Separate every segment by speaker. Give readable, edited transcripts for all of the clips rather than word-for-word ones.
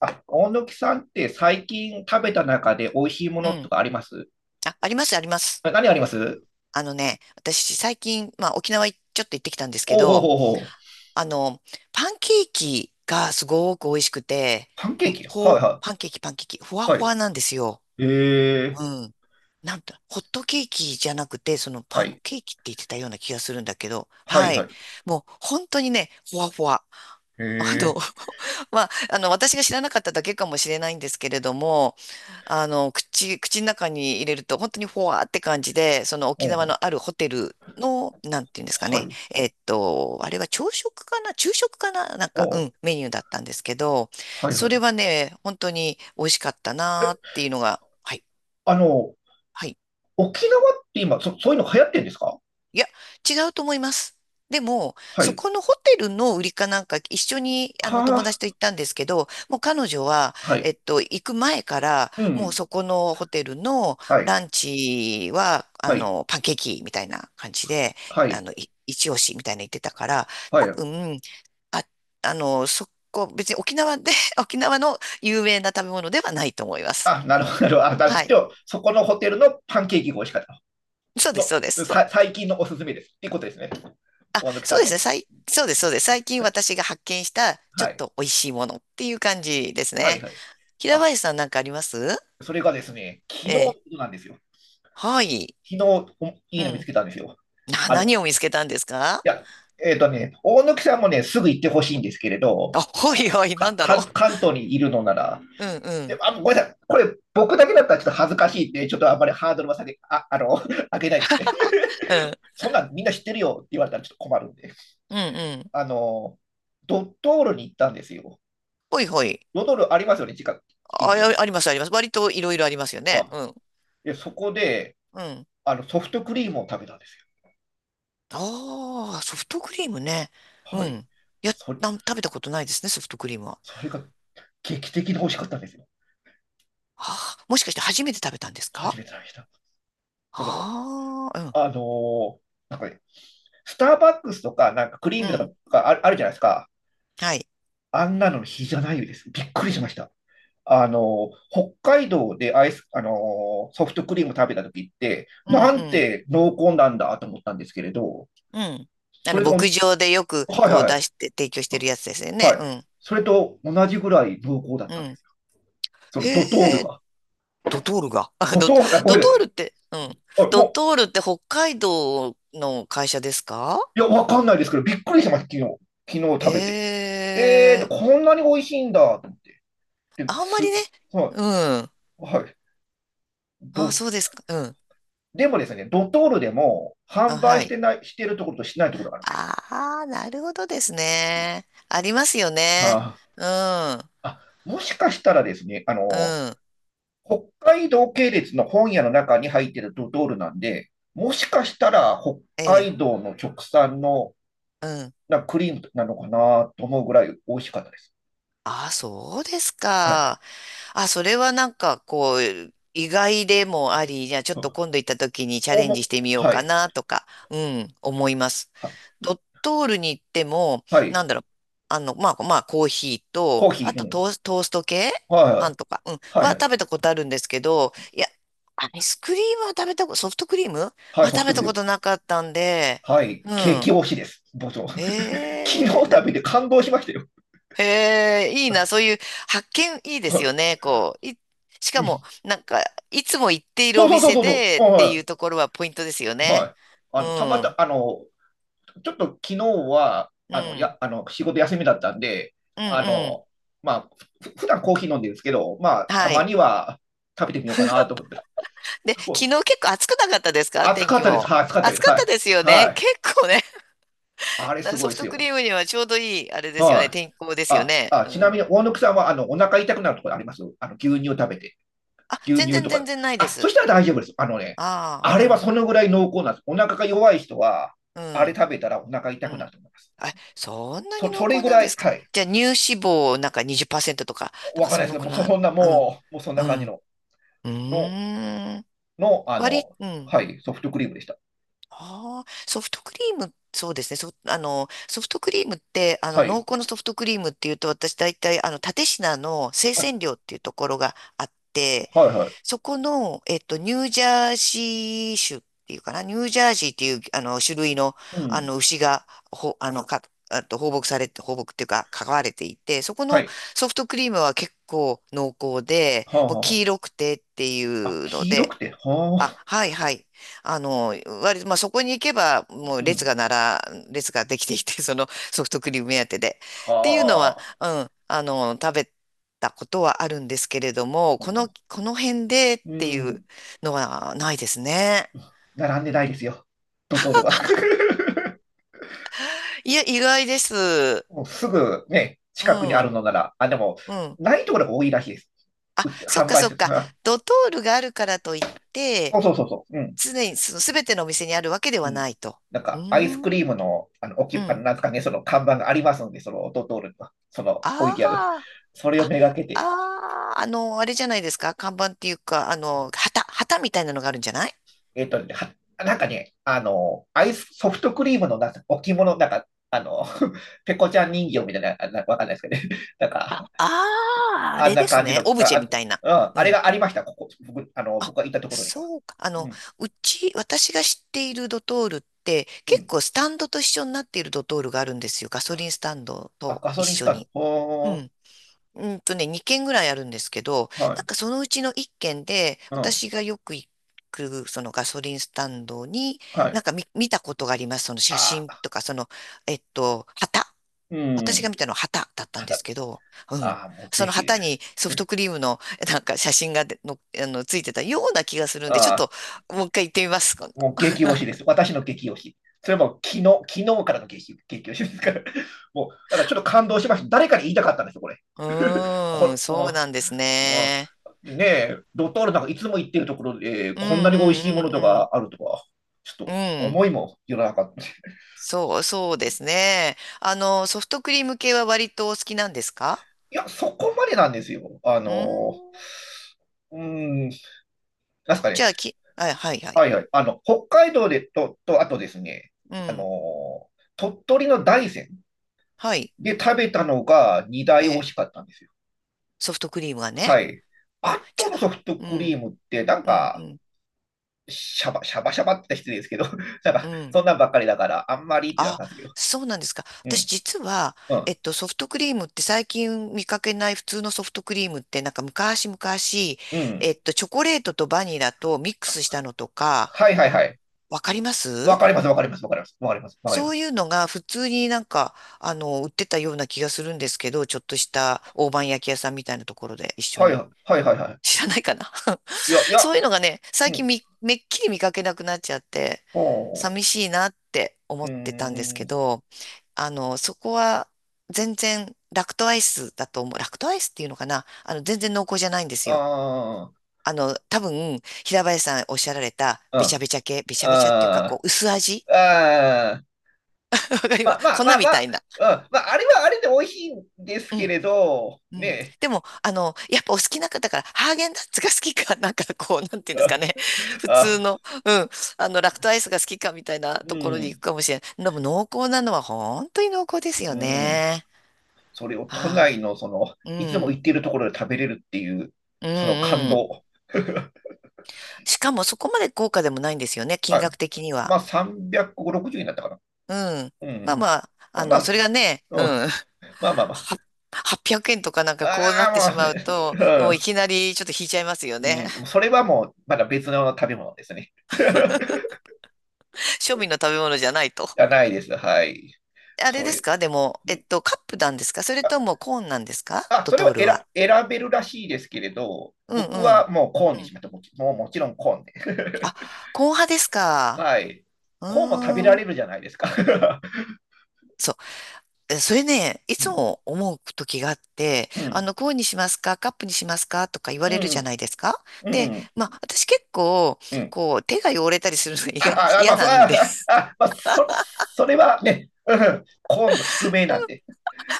Speaker 1: あ、大貫さんって最近食べた中で美味しいも
Speaker 2: う
Speaker 1: のと
Speaker 2: ん。
Speaker 1: かあります？
Speaker 2: あ、あります、あります。
Speaker 1: え、何あります？
Speaker 2: 私、最近、沖縄い、ちょっと行ってきたんですけ
Speaker 1: おうほう
Speaker 2: ど、
Speaker 1: ほうほう。
Speaker 2: あの、パンケーキがすごく美味しくて、
Speaker 1: パンケー
Speaker 2: もう、
Speaker 1: キ、は
Speaker 2: ほ
Speaker 1: い
Speaker 2: う、
Speaker 1: は
Speaker 2: パンケーキ、パンケーキ、ふ
Speaker 1: い。
Speaker 2: わ
Speaker 1: は
Speaker 2: ふ
Speaker 1: い。
Speaker 2: わなんですよ。
Speaker 1: ええ、
Speaker 2: うん。なんと、ホットケーキじゃなくて、その
Speaker 1: は
Speaker 2: パン
Speaker 1: い。
Speaker 2: ケーキって言ってたような気がするんだけど、
Speaker 1: はい
Speaker 2: は
Speaker 1: はい。
Speaker 2: い。もう、本当にね、ふわふわ。あの、
Speaker 1: ええ、
Speaker 2: 私が知らなかっただけかもしれないんですけれども、あの、口の中に入れると本当にフォワーって感じで、その
Speaker 1: お
Speaker 2: 沖縄
Speaker 1: う、
Speaker 2: のあるホテルの、なんていうんですか
Speaker 1: は
Speaker 2: ね、
Speaker 1: い。
Speaker 2: あれは朝食かな、昼食かな、なん
Speaker 1: お
Speaker 2: か、う
Speaker 1: う、
Speaker 2: ん、メニューだったんですけど、
Speaker 1: はい
Speaker 2: そ
Speaker 1: はい。
Speaker 2: れはね、本当に美味しかったなーっていうのが、はい、
Speaker 1: あの、
Speaker 2: はい。
Speaker 1: 沖縄って今、そういうの流行ってんですか？
Speaker 2: いや、違うと思います。でも、
Speaker 1: は
Speaker 2: そ
Speaker 1: い。
Speaker 2: このホテルの売りかなんか、一緒にあの友
Speaker 1: は
Speaker 2: 達と行ったんですけど、もう彼女は、
Speaker 1: あ、はい。
Speaker 2: 行く前から、
Speaker 1: う
Speaker 2: もう
Speaker 1: ん。
Speaker 2: そこのホテルの
Speaker 1: はい。
Speaker 2: ランチは、
Speaker 1: はい。
Speaker 2: パンケーキみたいな感じで、
Speaker 1: は
Speaker 2: あ
Speaker 1: い。
Speaker 2: の、い一押しみたいな言ってたから、
Speaker 1: は
Speaker 2: 多
Speaker 1: い。
Speaker 2: 分、あ、そこ、別に沖縄で、沖縄の有名な食べ物ではないと思います。
Speaker 1: あ、なるほど、なるほど。あ、
Speaker 2: は
Speaker 1: で
Speaker 2: い。
Speaker 1: も、そこのホテルのパンケーキが美味しかった。
Speaker 2: そうです、そうです。
Speaker 1: 最近のおすすめです。っていうことですね。
Speaker 2: あ、
Speaker 1: 大貫
Speaker 2: そ
Speaker 1: さ
Speaker 2: う
Speaker 1: ん
Speaker 2: ですね。
Speaker 1: と。
Speaker 2: そうです、そうです。最近
Speaker 1: はい、
Speaker 2: 私が発見したちょ
Speaker 1: は
Speaker 2: っ
Speaker 1: い、
Speaker 2: と美味しいものっていう感じです
Speaker 1: はい、
Speaker 2: ね。
Speaker 1: はい。
Speaker 2: 平
Speaker 1: あ、
Speaker 2: 林さん、なんかあります？
Speaker 1: それがですね、昨日
Speaker 2: え
Speaker 1: のこ
Speaker 2: え。
Speaker 1: となんですよ。
Speaker 2: はい。
Speaker 1: 昨日、おい
Speaker 2: う
Speaker 1: いの見つ
Speaker 2: ん。
Speaker 1: けたんですよ。
Speaker 2: 何
Speaker 1: い
Speaker 2: を見つけたんですか？
Speaker 1: や、大貫さんもね、すぐ行ってほしいんですけれど、
Speaker 2: あ、ほいほい、なんだろ
Speaker 1: 関東にいるのなら、
Speaker 2: う。うんう
Speaker 1: で、
Speaker 2: ん。
Speaker 1: あ、ごめんなさい、これ、僕だけだったらちょっと恥ずかしいんで、ちょっとあんまりハードルは下げ、上げないですね。
Speaker 2: うん。
Speaker 1: そんなんみんな知ってるよって言われたらちょっと困るんで。
Speaker 2: うんうん。
Speaker 1: あの、ドトールに行ったんですよ。
Speaker 2: ほいほい。
Speaker 1: ドトールありますよね、近く、
Speaker 2: あ、
Speaker 1: 近所
Speaker 2: あ
Speaker 1: に。
Speaker 2: あります、あります。割といろいろありますよね。
Speaker 1: あ、
Speaker 2: うん。
Speaker 1: で、そこで、
Speaker 2: うん。
Speaker 1: ソフトクリームを食べたんですよ。
Speaker 2: ああ、ソフトクリームね。う
Speaker 1: はい。
Speaker 2: ん。いや、
Speaker 1: それ、
Speaker 2: 食べたことないですね、ソフトクリームは。
Speaker 1: それが劇的に美味しかったんですよ。
Speaker 2: ああ、もしかして初めて食べたんです
Speaker 1: 初
Speaker 2: か？
Speaker 1: めて食べました。その、
Speaker 2: ああー、
Speaker 1: あのーなんかね、スターバックスとか、なんかクリ
Speaker 2: う
Speaker 1: ーム
Speaker 2: ん。
Speaker 1: とかあるじゃないですか。
Speaker 2: はい。
Speaker 1: あんなの比じゃないです。びっくりしました。あの北海道でアイス、ソフトクリーム食べた時って、
Speaker 2: う
Speaker 1: なん
Speaker 2: ん、
Speaker 1: て濃厚なんだと思ったんですけれど、
Speaker 2: うん、うん。
Speaker 1: それとお
Speaker 2: 牧
Speaker 1: ん、
Speaker 2: 場でよく
Speaker 1: はい
Speaker 2: こう
Speaker 1: は
Speaker 2: 出
Speaker 1: い。
Speaker 2: して、提供してるやつですよね。
Speaker 1: はい。それと同じぐらい濃厚だっ
Speaker 2: うん、
Speaker 1: たん
Speaker 2: う
Speaker 1: で
Speaker 2: ん。
Speaker 1: す。そ
Speaker 2: へ
Speaker 1: のドトール
Speaker 2: え、
Speaker 1: が。
Speaker 2: ドトールが。
Speaker 1: ドトールが、ごめ
Speaker 2: ド
Speaker 1: んな
Speaker 2: ト
Speaker 1: さい。
Speaker 2: ールって、うん。
Speaker 1: あ
Speaker 2: ド
Speaker 1: も
Speaker 2: トールって北海道の会社ですか？
Speaker 1: いや、わかんないですけど、びっくりしました、昨日。昨日
Speaker 2: へ
Speaker 1: 食べて。
Speaker 2: え、
Speaker 1: こんなに美味しいんだと思って、
Speaker 2: あんまりね。
Speaker 1: は
Speaker 2: うん。
Speaker 1: い、はい。ど、
Speaker 2: あ、そうですか。うん。
Speaker 1: でもですね、ドトールでも
Speaker 2: あ、
Speaker 1: 販売
Speaker 2: は
Speaker 1: して
Speaker 2: い。
Speaker 1: ない、してるところとしてないところがあるんですよ。
Speaker 2: ああ、なるほどですね。ありますよね。
Speaker 1: は
Speaker 2: うん、う
Speaker 1: ああ、もしかしたらですね、
Speaker 2: ん、
Speaker 1: 北海道系列の本屋の中に入ってるドトールなんで、もしかしたら北
Speaker 2: ええ、
Speaker 1: 海道の直産の
Speaker 2: うん。
Speaker 1: なクリームなのかなと思うぐらい美味しいかったです。
Speaker 2: ああ、そうです
Speaker 1: はい。
Speaker 2: か。あ、それはなんかこう、意外でもあり、じゃあちょっと今度行った時にチャ
Speaker 1: お
Speaker 2: レンジし
Speaker 1: も、
Speaker 2: てみよう
Speaker 1: は
Speaker 2: か
Speaker 1: い。
Speaker 2: なとか、うん、思います。
Speaker 1: はい。
Speaker 2: ドットールに行っても、
Speaker 1: は
Speaker 2: な
Speaker 1: い、
Speaker 2: んだろう、コーヒー
Speaker 1: コ
Speaker 2: と、
Speaker 1: ーヒ
Speaker 2: あ
Speaker 1: ー、う
Speaker 2: と
Speaker 1: ん。
Speaker 2: トース、トースト系パ
Speaker 1: は
Speaker 2: ンとか、うん、
Speaker 1: い、は
Speaker 2: は
Speaker 1: い、はい、
Speaker 2: 食べたことあるんですけど、いや、アイスクリームは食べたこと、ソフトクリームは
Speaker 1: はい、ソ
Speaker 2: 食
Speaker 1: フ
Speaker 2: べ
Speaker 1: トク
Speaker 2: た
Speaker 1: リー
Speaker 2: こ
Speaker 1: ム。
Speaker 2: となかったんで、
Speaker 1: はい、
Speaker 2: う
Speaker 1: 激
Speaker 2: ん。
Speaker 1: 推しです。僕、昨日食
Speaker 2: ええ、
Speaker 1: べて感動しましたよ。
Speaker 2: へえ、いいな。そ ういう発見いいですよ
Speaker 1: は
Speaker 2: ね、こう。しか
Speaker 1: い、
Speaker 2: も、なんか、いつも行っている
Speaker 1: そう
Speaker 2: お
Speaker 1: そうそう
Speaker 2: 店
Speaker 1: そう
Speaker 2: で
Speaker 1: そう、
Speaker 2: ってい
Speaker 1: は
Speaker 2: うところはポイントですよ
Speaker 1: い、は
Speaker 2: ね。
Speaker 1: い。あ
Speaker 2: うん、
Speaker 1: の、たま
Speaker 2: う
Speaker 1: た、
Speaker 2: ん、
Speaker 1: あの、ちょっと昨日は、
Speaker 2: う
Speaker 1: あの、
Speaker 2: ん、
Speaker 1: や、あの、仕事休みだったんで、
Speaker 2: う
Speaker 1: あ
Speaker 2: ん。
Speaker 1: の、まあ、普段コーヒー飲んでるんですけど、まあ、た
Speaker 2: は
Speaker 1: ま
Speaker 2: い。
Speaker 1: には食べてみようかなと思って。
Speaker 2: で、昨
Speaker 1: お、
Speaker 2: 日結構暑くなかったですか、
Speaker 1: 暑
Speaker 2: 天
Speaker 1: かっ
Speaker 2: 気
Speaker 1: たです。
Speaker 2: も。
Speaker 1: はい、暑かった
Speaker 2: 暑
Speaker 1: です。
Speaker 2: かっ
Speaker 1: は
Speaker 2: た
Speaker 1: い。
Speaker 2: ですよ
Speaker 1: は
Speaker 2: ね。
Speaker 1: い。
Speaker 2: 結構ね。
Speaker 1: あれ
Speaker 2: だか
Speaker 1: す
Speaker 2: ら
Speaker 1: ご
Speaker 2: ソ
Speaker 1: い
Speaker 2: フ
Speaker 1: です
Speaker 2: ト
Speaker 1: よ。
Speaker 2: クリームにはちょうどいい、あれですよ
Speaker 1: は
Speaker 2: ね。
Speaker 1: い。
Speaker 2: 天候ですよ
Speaker 1: あ、
Speaker 2: ね。
Speaker 1: あ、
Speaker 2: う
Speaker 1: ちなみ
Speaker 2: ん。
Speaker 1: に、大野木さんは、お腹痛くなるところあります？牛乳を食べて。
Speaker 2: あ、
Speaker 1: 牛
Speaker 2: 全
Speaker 1: 乳
Speaker 2: 然
Speaker 1: と
Speaker 2: 全
Speaker 1: か。
Speaker 2: 然ないで
Speaker 1: あ、そ
Speaker 2: す。
Speaker 1: したら大丈夫です。あのね、
Speaker 2: あ
Speaker 1: あ
Speaker 2: あ、
Speaker 1: れ
Speaker 2: う
Speaker 1: は
Speaker 2: ん、
Speaker 1: そのぐらい濃厚なんです。お腹が弱い人は、
Speaker 2: う
Speaker 1: あれ
Speaker 2: ん。
Speaker 1: 食べたらお腹
Speaker 2: う
Speaker 1: 痛くなる
Speaker 2: ん。
Speaker 1: と思います。
Speaker 2: あ、そんなに濃
Speaker 1: それ
Speaker 2: 厚
Speaker 1: ぐ
Speaker 2: なん
Speaker 1: ら
Speaker 2: で
Speaker 1: い、
Speaker 2: すか。
Speaker 1: はい、
Speaker 2: じゃあ、乳脂肪なんか20%とか、なん
Speaker 1: わ
Speaker 2: か
Speaker 1: かん
Speaker 2: そ
Speaker 1: ないです
Speaker 2: の
Speaker 1: けど、
Speaker 2: く
Speaker 1: もう
Speaker 2: らい。
Speaker 1: そんな、
Speaker 2: うん、
Speaker 1: もう、もうそん
Speaker 2: う
Speaker 1: な感じ
Speaker 2: ん、
Speaker 1: の、
Speaker 2: う
Speaker 1: の、
Speaker 2: ーん。
Speaker 1: の、あの、
Speaker 2: うん。
Speaker 1: はい、ソフトクリームでした。
Speaker 2: ああ、ソフトクリーム、そうですね。そ、あの、ソフトクリームって、あ
Speaker 1: は
Speaker 2: の、濃
Speaker 1: い。
Speaker 2: 厚のソフトクリームっていうと、私大体、あの、蓼科の生
Speaker 1: はい、
Speaker 2: 鮮量っていうところがあって、
Speaker 1: はい、はい。
Speaker 2: そこの、ニュージャージー州っていうかな、ニュージャージーっていう、あの、種類の、
Speaker 1: う
Speaker 2: あ
Speaker 1: ん。
Speaker 2: の、牛が、ほ、あの、か、あと放牧されて、放牧っていうか、飼われていて、そこ
Speaker 1: は
Speaker 2: の
Speaker 1: い。
Speaker 2: ソフトクリームは結構濃厚で、
Speaker 1: はあ、
Speaker 2: もう黄
Speaker 1: は
Speaker 2: 色くてってい
Speaker 1: あ。あ、
Speaker 2: うの
Speaker 1: 黄色
Speaker 2: で、
Speaker 1: くて、は
Speaker 2: あ、
Speaker 1: あ。
Speaker 2: はいはい。あの、割と、まあ、そこに行けば、もう
Speaker 1: う
Speaker 2: 列
Speaker 1: ん。
Speaker 2: がなら、列ができていて、そのソフトクリーム目当てで。っていうのは、
Speaker 1: は
Speaker 2: うん、あの、食べたことはあるんですけれども、
Speaker 1: あ。も
Speaker 2: この辺でっ
Speaker 1: う、う
Speaker 2: ていう
Speaker 1: ん。
Speaker 2: のはないですね。
Speaker 1: 並んでないですよ。ドトールは。
Speaker 2: いや、意外です。う
Speaker 1: もうすぐね、近くにある
Speaker 2: ん、
Speaker 1: のなら、あ、でも、
Speaker 2: うん。
Speaker 1: ないところが多いらしいです。
Speaker 2: あ、
Speaker 1: 売って、
Speaker 2: そっ
Speaker 1: 販
Speaker 2: か
Speaker 1: 売
Speaker 2: そ
Speaker 1: す
Speaker 2: っ
Speaker 1: る。
Speaker 2: か。
Speaker 1: あ、
Speaker 2: ドトールがあるからといっ
Speaker 1: そ
Speaker 2: て、
Speaker 1: うそうそうそう。うん。
Speaker 2: 常にその全てのお店にあるわけで
Speaker 1: う
Speaker 2: は
Speaker 1: ん。
Speaker 2: ないと。
Speaker 1: なん
Speaker 2: う
Speaker 1: か、ア
Speaker 2: ー
Speaker 1: イスクリー
Speaker 2: ん、
Speaker 1: ムの、あの、おき、
Speaker 2: う
Speaker 1: あの、
Speaker 2: ん。
Speaker 1: なんですかね、その看板がありますので、その、ドトールの、その、置いてある。
Speaker 2: ああ。
Speaker 1: それを
Speaker 2: あ、
Speaker 1: めがけて、
Speaker 2: あれじゃないですか。看板っていうか、あの、旗みたいなのがあるんじゃない？
Speaker 1: なんかね、アイス、ソフトクリームの、なんか、置物、なんか、ペコちゃん人形みたいな、わかんないですけどね。なんか、
Speaker 2: あ、あー、あ
Speaker 1: あん
Speaker 2: れ
Speaker 1: な
Speaker 2: です
Speaker 1: 感じ
Speaker 2: ね。
Speaker 1: の、
Speaker 2: オブジェみたいな。う
Speaker 1: あれ
Speaker 2: ん。
Speaker 1: がありました、ここ、僕、
Speaker 2: あ、
Speaker 1: 僕がいたところには。
Speaker 2: そうか。
Speaker 1: うん。
Speaker 2: 私が知っているドトールって、
Speaker 1: う
Speaker 2: 結
Speaker 1: ん、
Speaker 2: 構スタンドと一緒になっているドトールがあるんですよ。ガソリンスタンド
Speaker 1: あ、
Speaker 2: と
Speaker 1: ガソ
Speaker 2: 一
Speaker 1: リンス
Speaker 2: 緒
Speaker 1: タン
Speaker 2: に。
Speaker 1: ド。
Speaker 2: う
Speaker 1: ほ
Speaker 2: ん。うんとね、2軒ぐらいあるんですけど、
Speaker 1: ー、は
Speaker 2: なん
Speaker 1: い、
Speaker 2: かそのうちの1軒で、
Speaker 1: うん、
Speaker 2: 私がよく行く、そのガソリンスタンドに、
Speaker 1: はい。
Speaker 2: 見たことがあります。その写
Speaker 1: あ
Speaker 2: 真と
Speaker 1: あ、
Speaker 2: か、その、旗。
Speaker 1: う
Speaker 2: 私が
Speaker 1: ん、
Speaker 2: 見たのは旗だったんで
Speaker 1: 肌、
Speaker 2: すけど、うん。
Speaker 1: ああ、もうぜ
Speaker 2: その
Speaker 1: ひ、
Speaker 2: 旗にソフト クリームの、なんか写真がでの、あの、ついてたような気がするんで、ちょっ
Speaker 1: ああ、
Speaker 2: と、もう一回行ってみます。今度、
Speaker 1: もう激推しです。私の激推し。それはもう昨日、昨日からの激推しですから。もう、だからちょっと感動しました。誰かに言いたかったんですよ、これ。こ
Speaker 2: うー
Speaker 1: れ、
Speaker 2: ん、そう
Speaker 1: も
Speaker 2: なんです
Speaker 1: う、あ
Speaker 2: ね。
Speaker 1: でねえ、ドトールなんかいつも言ってるところで、
Speaker 2: うん、う
Speaker 1: こんなに美味しいもの
Speaker 2: ん、
Speaker 1: と
Speaker 2: うん、
Speaker 1: かあるとは、ちょっ
Speaker 2: うん。
Speaker 1: と
Speaker 2: うん。
Speaker 1: 思いもよらなかった。い
Speaker 2: そうですね。あの、ソフトクリーム系は割とお好きなんですか？
Speaker 1: や、そこまでなんですよ。
Speaker 2: うーん。
Speaker 1: うーん、なんすか
Speaker 2: じ
Speaker 1: ね。
Speaker 2: ゃあ、はいはい。
Speaker 1: はいはい。北海道でと、あとですね、
Speaker 2: う
Speaker 1: あの
Speaker 2: ん。
Speaker 1: ー鳥取の大山
Speaker 2: はい。
Speaker 1: で食べたのが2
Speaker 2: え
Speaker 1: 台美味
Speaker 2: え、
Speaker 1: しかったんですよ。
Speaker 2: ソフトクリームはね。
Speaker 1: はい。
Speaker 2: あ、
Speaker 1: あ
Speaker 2: じ
Speaker 1: と
Speaker 2: ゃ
Speaker 1: のソ
Speaker 2: あ、
Speaker 1: フト
Speaker 2: う
Speaker 1: クリー
Speaker 2: ん、
Speaker 1: ムって、なん
Speaker 2: うん、う
Speaker 1: か、
Speaker 2: ん、
Speaker 1: シャバシャバって言ったら失礼ですけど、なん
Speaker 2: う
Speaker 1: か、
Speaker 2: ん。
Speaker 1: そんなんばっかりだから、あんまりってなっ
Speaker 2: あ、
Speaker 1: たんですけど。
Speaker 2: そうなんですか。
Speaker 1: う
Speaker 2: 私
Speaker 1: ん、
Speaker 2: 実は、
Speaker 1: うん、
Speaker 2: ソフトクリームって最近見かけない普通のソフトクリームって、なんか昔々、
Speaker 1: うん。
Speaker 2: チョコレートとバニラとミック
Speaker 1: あ、
Speaker 2: スしたのとか、
Speaker 1: はいはいはい。
Speaker 2: わかりま
Speaker 1: わ
Speaker 2: す？
Speaker 1: かります、わかります、わかります、わかります、わかりま
Speaker 2: そう
Speaker 1: す。
Speaker 2: いうのが普通になんか、あの、売ってたような気がするんですけど、ちょっとした大判焼き屋さんみたいなところで一緒
Speaker 1: はいは
Speaker 2: に。
Speaker 1: い、はいはいはい。
Speaker 2: 知らないかな？
Speaker 1: いや、い
Speaker 2: そ
Speaker 1: や、
Speaker 2: ういうのがね、
Speaker 1: う
Speaker 2: 最近
Speaker 1: ん、
Speaker 2: みめっきり見かけなくなっちゃって、
Speaker 1: ほ
Speaker 2: 寂しいなって思
Speaker 1: う、
Speaker 2: っ
Speaker 1: うー
Speaker 2: てたんですけ
Speaker 1: ん、
Speaker 2: ど、あの、そこは全然ラクトアイスだと思う。ラクトアイスっていうのかな、あの、全然濃厚じゃないんです
Speaker 1: あ
Speaker 2: よ。
Speaker 1: ー、
Speaker 2: あの、多分、平林さんおっしゃられた、
Speaker 1: うん、
Speaker 2: べちゃべちゃっていうか、こ
Speaker 1: あ
Speaker 2: う、薄味
Speaker 1: ー、あ
Speaker 2: わかりま
Speaker 1: まあ
Speaker 2: す、
Speaker 1: まあ
Speaker 2: 粉
Speaker 1: まあま
Speaker 2: みた
Speaker 1: あ、
Speaker 2: いな。
Speaker 1: うんまあ、あれはあれで美味しいんです
Speaker 2: う
Speaker 1: け
Speaker 2: ん
Speaker 1: れど、
Speaker 2: うん。
Speaker 1: ね
Speaker 2: でも、あの、やっぱお好きな方だから、ハーゲンダッツが好きか、なんかこう、なんていうんですか
Speaker 1: あ、
Speaker 2: ね。普
Speaker 1: あ
Speaker 2: 通の、うん、あの、ラクトアイスが好きかみたいな
Speaker 1: う
Speaker 2: ところに行く
Speaker 1: ん、
Speaker 2: かもしれない。でも濃厚なのは本当に濃厚ですよ
Speaker 1: うん、
Speaker 2: ね。
Speaker 1: それを都
Speaker 2: あ
Speaker 1: 内のその、
Speaker 2: あ、う
Speaker 1: いつも行
Speaker 2: ん、
Speaker 1: っているところで食べれるっていう、
Speaker 2: うん、
Speaker 1: その感
Speaker 2: うん。
Speaker 1: 動。
Speaker 2: しかもそこまで高価でもないんですよね、金
Speaker 1: はい。
Speaker 2: 額的には。
Speaker 1: まあ、360になったかな。
Speaker 2: うん。
Speaker 1: う
Speaker 2: まあ
Speaker 1: ん。
Speaker 2: まあ、
Speaker 1: ま
Speaker 2: あ
Speaker 1: あま
Speaker 2: の、
Speaker 1: あ、
Speaker 2: それがね、うん。
Speaker 1: うん、まあまあまあ。
Speaker 2: は800円とかなんかこうなって
Speaker 1: あ
Speaker 2: し
Speaker 1: あ、もう
Speaker 2: ま
Speaker 1: ね、
Speaker 2: うと、もういきなりちょっと引いちゃいますよ
Speaker 1: う
Speaker 2: ね。
Speaker 1: ん、うん、それはもう、まだ別の食べ物ですね。
Speaker 2: 庶民の食べ物じゃないと。
Speaker 1: じゃないです。はい。
Speaker 2: あれ
Speaker 1: そ
Speaker 2: です
Speaker 1: れ、
Speaker 2: か、でも、
Speaker 1: うん
Speaker 2: カップなんですか、それともコーンなんですか、
Speaker 1: あ、
Speaker 2: ド
Speaker 1: それ
Speaker 2: ト
Speaker 1: を
Speaker 2: ール
Speaker 1: 選、
Speaker 2: は。
Speaker 1: 選べるらしいですけれど、
Speaker 2: うんう
Speaker 1: 僕
Speaker 2: ん。
Speaker 1: はもうコーンに
Speaker 2: う
Speaker 1: し
Speaker 2: ん。
Speaker 1: ました。もちろんコーンで。
Speaker 2: あ、コーン派です か？
Speaker 1: はい。
Speaker 2: う
Speaker 1: コーンも食べら
Speaker 2: ーん。
Speaker 1: れるじゃないですか。
Speaker 2: そう。え、それね、い
Speaker 1: う
Speaker 2: つ
Speaker 1: ん。
Speaker 2: も思う時があって、
Speaker 1: う
Speaker 2: あ
Speaker 1: ん。
Speaker 2: の、コーンにしますか、カップにしますかとか言わ
Speaker 1: う
Speaker 2: れるじゃな
Speaker 1: ん。
Speaker 2: いですか。
Speaker 1: うん。
Speaker 2: で、
Speaker 1: うん
Speaker 2: まあ、私結構、
Speaker 1: うん。
Speaker 2: こう、手が汚れたりするのが意
Speaker 1: あ、
Speaker 2: 外に
Speaker 1: あ、あま
Speaker 2: 嫌
Speaker 1: あ、そ、
Speaker 2: なんで、
Speaker 1: あ、あ、まあ、そ、それはね、うん、コーンの宿命なんで。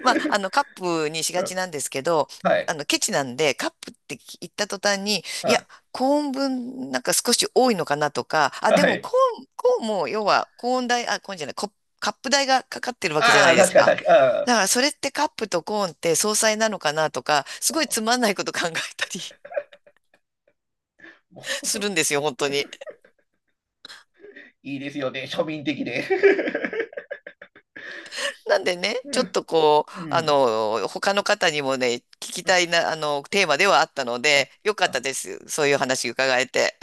Speaker 2: まあ、あの、カップにし
Speaker 1: う
Speaker 2: がち
Speaker 1: ん、
Speaker 2: なんですけど、
Speaker 1: はい。
Speaker 2: あの、ケチなんで、カップって言った途端に、いや、
Speaker 1: あ、
Speaker 2: コーン分、なんか少し多いのかなとか、あ、で
Speaker 1: は
Speaker 2: もコ
Speaker 1: い。
Speaker 2: ーン、コーンも、要は、コーン代、あ、コーンじゃない、コ、カップ代がかかってるわけじゃ
Speaker 1: あ
Speaker 2: な
Speaker 1: あ、
Speaker 2: いで
Speaker 1: 確
Speaker 2: す
Speaker 1: かに
Speaker 2: か。
Speaker 1: 確かに。ああ、
Speaker 2: だから、それってカップとコーンって相殺なのかなとか、すごいつまんないこと考えたり
Speaker 1: もう
Speaker 2: するんですよ、本当に。
Speaker 1: いいですよね。庶民的で。
Speaker 2: なんでね、
Speaker 1: う
Speaker 2: ちょっ
Speaker 1: ん。
Speaker 2: とこう、
Speaker 1: う
Speaker 2: あ
Speaker 1: ん、
Speaker 2: の、他の方にもね、聞きたいな、あの、テーマではあったので、よかった
Speaker 1: あ
Speaker 2: です。そういう
Speaker 1: あ
Speaker 2: 話伺えて。